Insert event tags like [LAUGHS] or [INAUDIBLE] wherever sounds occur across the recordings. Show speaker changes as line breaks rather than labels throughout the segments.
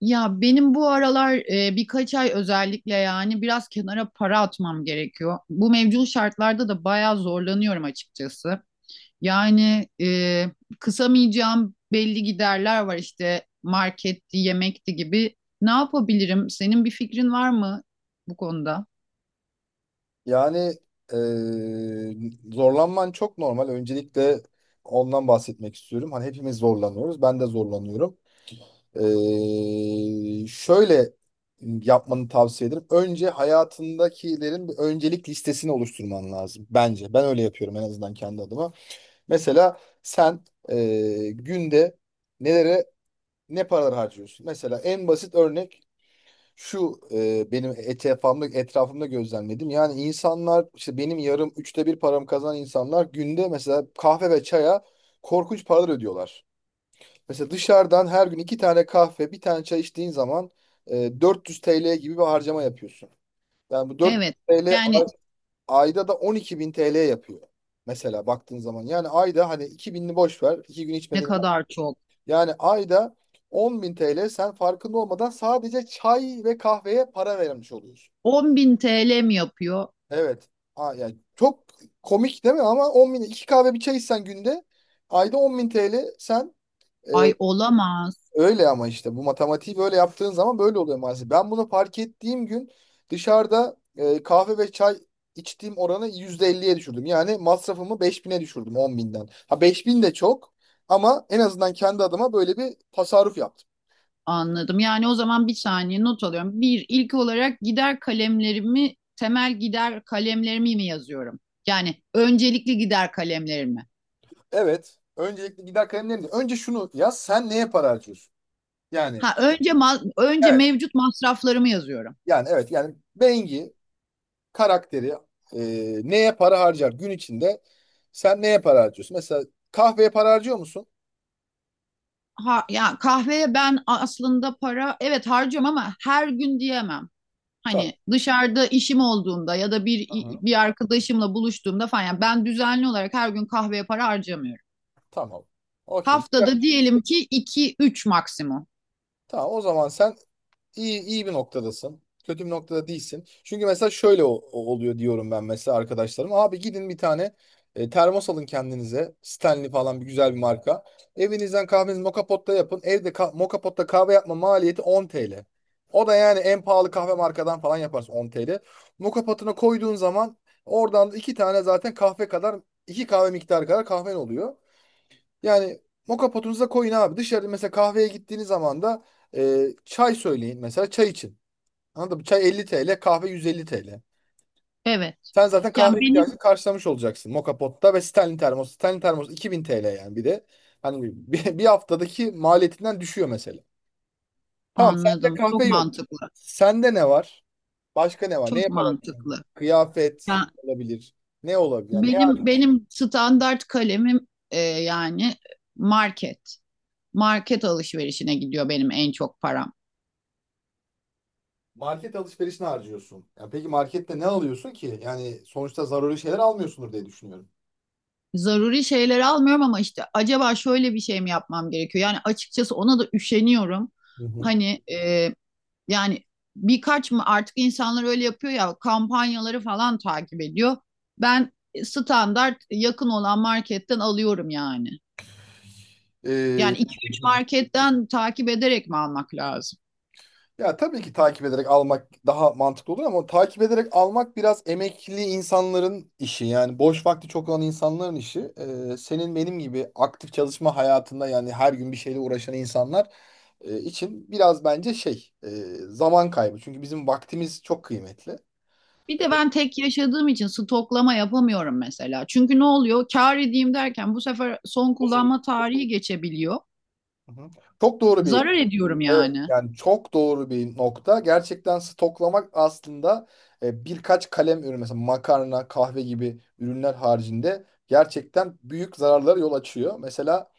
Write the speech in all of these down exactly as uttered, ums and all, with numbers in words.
Ya benim bu aralar e, birkaç ay özellikle yani biraz kenara para atmam gerekiyor. Bu mevcut şartlarda da bayağı zorlanıyorum açıkçası. Yani e, kısamayacağım belli giderler var işte marketti, yemekti gibi. Ne yapabilirim? Senin bir fikrin var mı bu konuda?
Yani eee, zorlanman çok normal. Öncelikle ondan bahsetmek istiyorum. Hani hepimiz zorlanıyoruz. Ben de zorlanıyorum. Eee, şöyle yapmanı tavsiye ederim. Önce hayatındakilerin bir öncelik listesini oluşturman lazım. Bence. Ben öyle yapıyorum en azından kendi adıma. Mesela sen eee, günde nelere ne paralar harcıyorsun? Mesela en basit örnek şu e, benim etrafımda, etrafımda gözlemledim. Yani insanlar işte benim yarım üçte bir paramı kazanan insanlar günde mesela kahve ve çaya korkunç paralar ödüyorlar. Mesela dışarıdan her gün iki tane kahve bir tane çay içtiğin zaman e, dört yüz T L gibi bir harcama yapıyorsun. Yani bu dört yüz
Evet.
T L
Yani
ay- ayda da on iki bin T L yapıyor. Mesela baktığın zaman yani ayda hani iki bininin boş ver iki gün
ne
içmeden
kadar çok?
yani ayda on bin T L sen farkında olmadan sadece çay ve kahveye para vermiş oluyorsun.
on bin T L mi yapıyor?
Evet. Aa, yani çok komik değil mi? Ama on bin, iki kahve bir çay içsen günde ayda on bin T L sen e,
Ay olamaz.
öyle ama işte bu matematiği böyle yaptığın zaman böyle oluyor maalesef. Ben bunu fark ettiğim gün dışarıda e, kahve ve çay içtiğim oranı yüzde elliye düşürdüm. Yani masrafımı beş bin'e düşürdüm on binden. Ha beş bin de çok ama en azından kendi adıma böyle bir tasarruf yaptım.
Anladım. Yani o zaman bir saniye not alıyorum. Bir, ilk olarak gider kalemlerimi, temel gider kalemlerimi mi yazıyorum? Yani öncelikli gider kalemlerimi.
Evet. Öncelikle gider kalemlerim. Önce şunu yaz. Sen neye para harcıyorsun? Yani.
Ha önce ma- önce
Evet.
mevcut masraflarımı yazıyorum.
Yani evet yani Bengi karakteri e, neye para harcar gün içinde sen neye para harcıyorsun? Mesela kahveye para harcıyor musun?
Ha ya kahveye ben aslında para evet harcıyorum ama her gün diyemem.
Tamam.
Hani dışarıda işim olduğunda ya da bir
Aha.
bir arkadaşımla buluştuğumda falan yani ben düzenli olarak her gün kahveye para harcamıyorum.
Tamam. Okey. Güzel.
Haftada diyelim ki iki üç maksimum.
Tamam o zaman sen İyi iyi bir noktadasın. Kötü bir noktada değilsin. Çünkü mesela şöyle o- o- oluyor diyorum ben mesela arkadaşlarım. Abi gidin bir tane e, termos alın kendinize. Stanley falan bir güzel bir marka. Evinizden kahvenizi moka potta yapın. Evde ka moka potta kahve yapma maliyeti on T L. O da yani en pahalı kahve markadan falan yaparsın on T L. Moka potuna koyduğun zaman oradan da iki tane zaten kahve kadar iki kahve miktarı kadar kahven oluyor. Yani moka potunuza koyun abi. Dışarı mesela kahveye gittiğiniz zaman da e, çay söyleyin mesela çay için. Anladın mı? Çay elli T L, kahve yüz elli T L.
Evet.
Sen zaten kahve
Yani benim
ihtiyacını karşılamış olacaksın moka potta ve Stanley termos. Stanley termos iki bin T L yani bir de. Hani bir, [LAUGHS] bir haftadaki maliyetinden düşüyor mesela. Tamam sende
anladım.
kahve
Çok
yok.
mantıklı.
Sende ne var? Başka ne var? Ne
Çok
yaparak?
mantıklı.
Kıyafet
Ya
olabilir. Ne olabilir? Yani
benim benim standart kalemim e, yani market. Market alışverişine gidiyor benim en çok param.
market alışverişine harcıyorsun. Ya peki markette ne alıyorsun ki? Yani sonuçta zaruri şeyler almıyorsundur diye düşünüyorum.
Zaruri şeyler almıyorum ama işte acaba şöyle bir şey mi yapmam gerekiyor? Yani açıkçası ona da üşeniyorum.
Hı hı.
Hani e, yani birkaç mı artık insanlar öyle yapıyor ya kampanyaları falan takip ediyor. Ben standart yakın olan marketten alıyorum yani.
Ee,
Yani iki üç marketten takip ederek mi almak lazım?
ya tabii ki takip ederek almak daha mantıklı olur ama takip ederek almak biraz emekli insanların işi. Yani boş vakti çok olan insanların işi. Ee, senin benim gibi aktif çalışma hayatında yani her gün bir şeyle uğraşan insanlar e, için biraz bence şey e, zaman kaybı. Çünkü bizim vaktimiz çok kıymetli.
Bir de ben tek yaşadığım için stoklama yapamıyorum mesela. Çünkü ne oluyor? Kâr edeyim derken bu sefer son
Uzun.
kullanma tarihi geçebiliyor.
Hı hı. Çok doğru bir
Zarar ediyorum
Evet,
yani.
yani çok doğru bir nokta. Gerçekten stoklamak aslında e, birkaç kalem ürün mesela makarna, kahve gibi ürünler haricinde gerçekten büyük zararlara yol açıyor. Mesela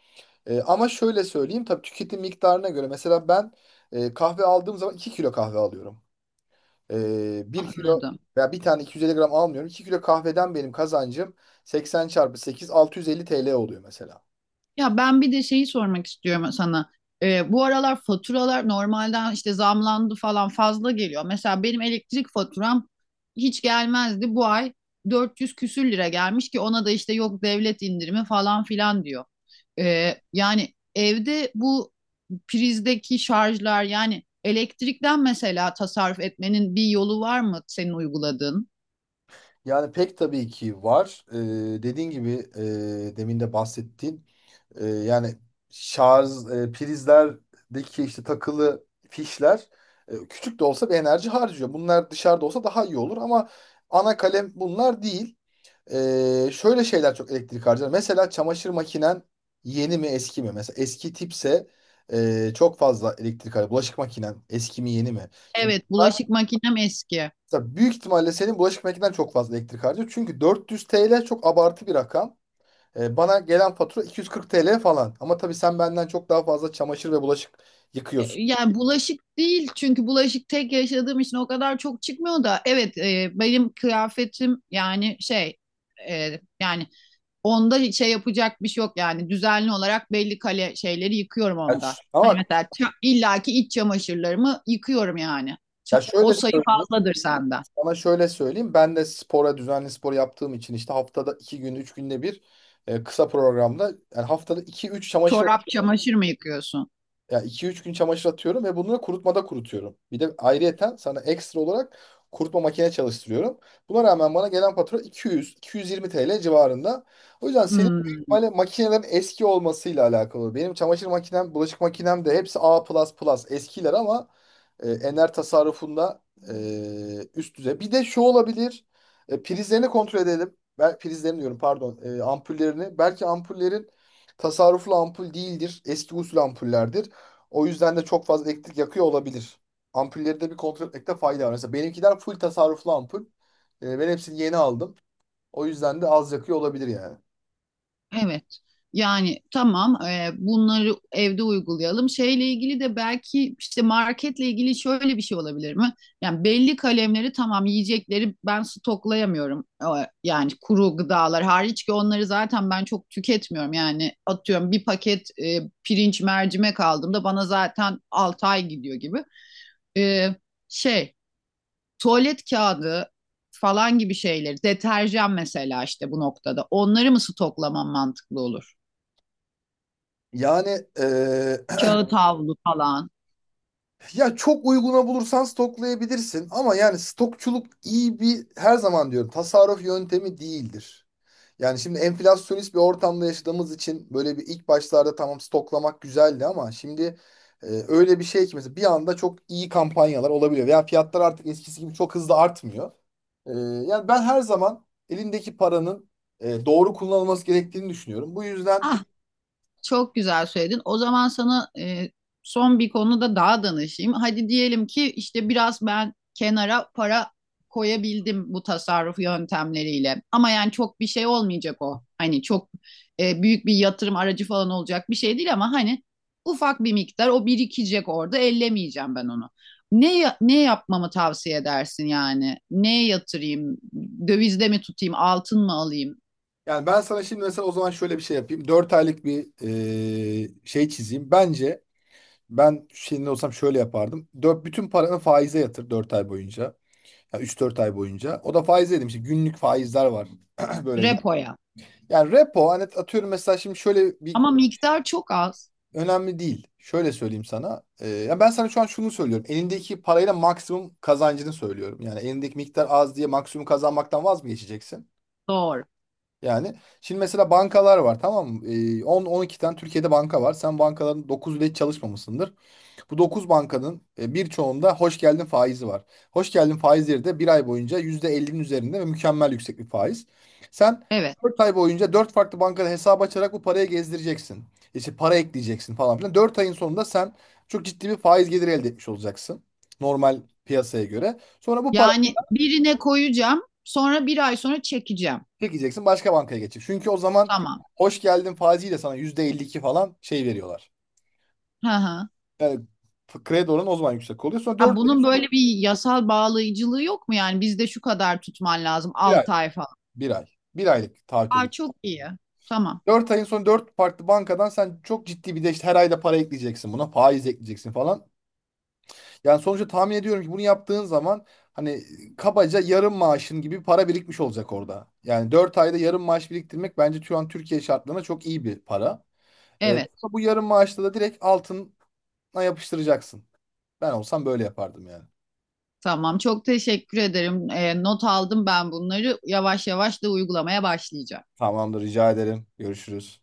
e, ama şöyle söyleyeyim tabii tüketim miktarına göre mesela ben e, kahve aldığım zaman iki kilo kahve alıyorum. E, bir kilo
Anladım.
veya bir tane iki yüz elli gram almıyorum. iki kilo kahveden benim kazancım seksen çarpı sekiz bin altı yüz elli T L oluyor mesela.
Ya ben bir de şeyi sormak istiyorum sana. Ee, bu aralar faturalar normalden işte zamlandı falan fazla geliyor. Mesela benim elektrik faturam hiç gelmezdi. Bu ay dört yüz küsür lira gelmiş ki ona da işte yok devlet indirimi falan filan diyor. Ee, yani evde bu prizdeki şarjlar yani elektrikten mesela tasarruf etmenin bir yolu var mı senin uyguladığın?
Yani pek tabii ki var. E, dediğin gibi e, demin de bahsettiğin E, yani şarj e, prizlerdeki işte takılı fişler e, küçük de olsa bir enerji harcıyor. Bunlar dışarıda olsa daha iyi olur ama ana kalem bunlar değil. E, şöyle şeyler çok elektrik harcar. Mesela çamaşır makinen yeni mi eski mi? Mesela eski tipse e, çok fazla elektrik harcar. Bulaşık makinen eski mi yeni mi? Şimdi
Evet,
bunlar
bulaşık makinem eski.
mesela büyük ihtimalle senin bulaşık makinen çok fazla elektrik harcıyor. Çünkü dört yüz T L çok abartı bir rakam. E, bana gelen fatura iki yüz kırk T L falan. Ama tabii sen benden çok daha fazla çamaşır ve bulaşık
E,
yıkıyorsun.
yani bulaşık değil çünkü bulaşık tek yaşadığım için o kadar çok çıkmıyor da evet, e, benim kıyafetim yani şey, e, yani onda hiç şey yapacak bir şey yok yani düzenli olarak belli kale şeyleri yıkıyorum
Ya
onda.
ş- ama
Hani
bak,
mesela ça- illaki iç çamaşırlarımı yıkıyorum yani.
ya
Ça-
şöyle
o sayı
söyleyeyim,
fazladır senden.
sana şöyle söyleyeyim. Ben de spora, düzenli spor yaptığım için işte haftada iki gün, üç günde bir e, kısa programda yani haftada iki, üç çamaşır
Çorap çamaşır mı yıkıyorsun?
ya iki üç gün çamaşır atıyorum ve bunları kurutmada kurutuyorum. Bir de ayrıyeten sana ekstra olarak kurutma makine çalıştırıyorum. Buna rağmen bana gelen fatura iki yüz iki yüz yirmi T L civarında. O yüzden senin büyük
Hmm.
ihtimalle makinelerin eski olmasıyla alakalı. Benim çamaşır makinem, bulaşık makinem de hepsi A++ eskiler ama e, ener tasarrufunda e, üst düzey. Bir de şu olabilir. E, prizlerini kontrol edelim. Ben prizlerini diyorum pardon. E, ampullerini. Belki ampullerin tasarruflu ampul değildir. Eski usul ampullerdir. O yüzden de çok fazla elektrik yakıyor olabilir. Ampulleri de bir kontrol etmekte fayda var. Mesela benimkiler full tasarruflu ampul. E, ben hepsini yeni aldım. O yüzden de az yakıyor olabilir yani.
Evet. Yani tamam, e, bunları evde uygulayalım. Şeyle ilgili de belki işte marketle ilgili şöyle bir şey olabilir mi? Yani belli kalemleri tamam yiyecekleri ben stoklayamıyorum. E, Yani kuru gıdalar hariç ki onları zaten ben çok tüketmiyorum. Yani atıyorum bir paket e, pirinç mercimek aldığımda bana zaten altı ay gidiyor gibi. E, şey tuvalet kağıdı falan gibi şeyleri deterjan mesela işte bu noktada onları mı stoklamam mantıklı olur?
Yani e,
Kağıt havlu falan.
ya çok uyguna bulursan stoklayabilirsin ama yani stokçuluk iyi bir her zaman diyorum tasarruf yöntemi değildir. Yani şimdi enflasyonist bir ortamda yaşadığımız için böyle bir ilk başlarda tamam stoklamak güzeldi ama şimdi e, öyle bir şey ki mesela bir anda çok iyi kampanyalar olabiliyor. Veya fiyatlar artık eskisi gibi çok hızlı artmıyor. E, yani ben her zaman elindeki paranın e, doğru kullanılması gerektiğini düşünüyorum. Bu yüzden
Ah, çok güzel söyledin. O zaman sana, e, son bir konuda daha danışayım. Hadi diyelim ki işte biraz ben kenara para koyabildim bu tasarruf yöntemleriyle. Ama yani çok bir şey olmayacak o. Hani çok e, büyük bir yatırım aracı falan olacak bir şey değil ama hani ufak bir miktar o birikecek orada. Ellemeyeceğim ben onu. Ne ya- ne yapmamı tavsiye edersin yani? Neye yatırayım? Dövizde mi tutayım? Altın mı alayım?
Yani ben sana şimdi mesela o zaman şöyle bir şey yapayım. Dört aylık bir e, şey çizeyim. Bence ben senin olsam şöyle yapardım. Dört, bütün paranı faize yatır dört ay boyunca. Yani üç dört ay boyunca. O da faize dedim. İşte günlük faizler var. [CLEARS THROAT] Böyle.
Repoya.
Yani repo hani atıyorum mesela şimdi şöyle bir
Ama miktar çok az.
önemli değil. Şöyle söyleyeyim sana. E, ya ben sana şu an şunu söylüyorum. Elindeki parayla maksimum kazancını söylüyorum. Yani elindeki miktar az diye maksimum kazanmaktan vaz mı geçeceksin?
Doğru.
Yani şimdi mesela bankalar var tamam mı? Ee, on on iki tane Türkiye'de banka var. Sen bankaların dokuzu hiç çalışmamışsındır. Bu dokuz bankanın e, birçoğunda hoş geldin faizi var. Hoş geldin faizleri de bir ay boyunca yüzde ellinin üzerinde ve mükemmel yüksek bir faiz. Sen
Evet.
dört ay boyunca dört farklı bankada hesap açarak bu parayı gezdireceksin. İşte para ekleyeceksin falan filan. Dört ayın sonunda sen çok ciddi bir faiz geliri elde etmiş olacaksın. Normal piyasaya göre. Sonra bu
Yani birine koyacağım, sonra bir ay sonra çekeceğim.
Çekeceksin başka bankaya geçecek. Çünkü o zaman
Tamam.
hoş geldin faiziyle sana yüzde elli iki falan şey veriyorlar.
Hı hı.
Yani f- kredi oranı o zaman yüksek oluyor. Sonra
Ha,
dört ayın
bunun
sonra
böyle bir yasal bağlayıcılığı yok mu? Yani bizde şu kadar tutman lazım
bir ay.
altı ay falan.
Bir ay. Bir aylık taahhüte
Aa,
gir.
çok iyi. Tamam.
Dört ayın sonra dört farklı bankadan sen çok ciddi bir de işte her ayda para ekleyeceksin buna. Faiz ekleyeceksin falan. Yani sonuçta tahmin ediyorum ki bunu yaptığın zaman hani kabaca yarım maaşın gibi bir para birikmiş olacak orada. Yani dört ayda yarım maaş biriktirmek bence şu an Türkiye şartlarına çok iyi bir para. Ee,
Evet.
bu yarım maaşla da direkt altına yapıştıracaksın. Ben olsam böyle yapardım yani.
Tamam. Çok teşekkür ederim. Ee, not aldım ben bunları. Yavaş yavaş da uygulamaya başlayacağım.
Tamamdır rica ederim. Görüşürüz.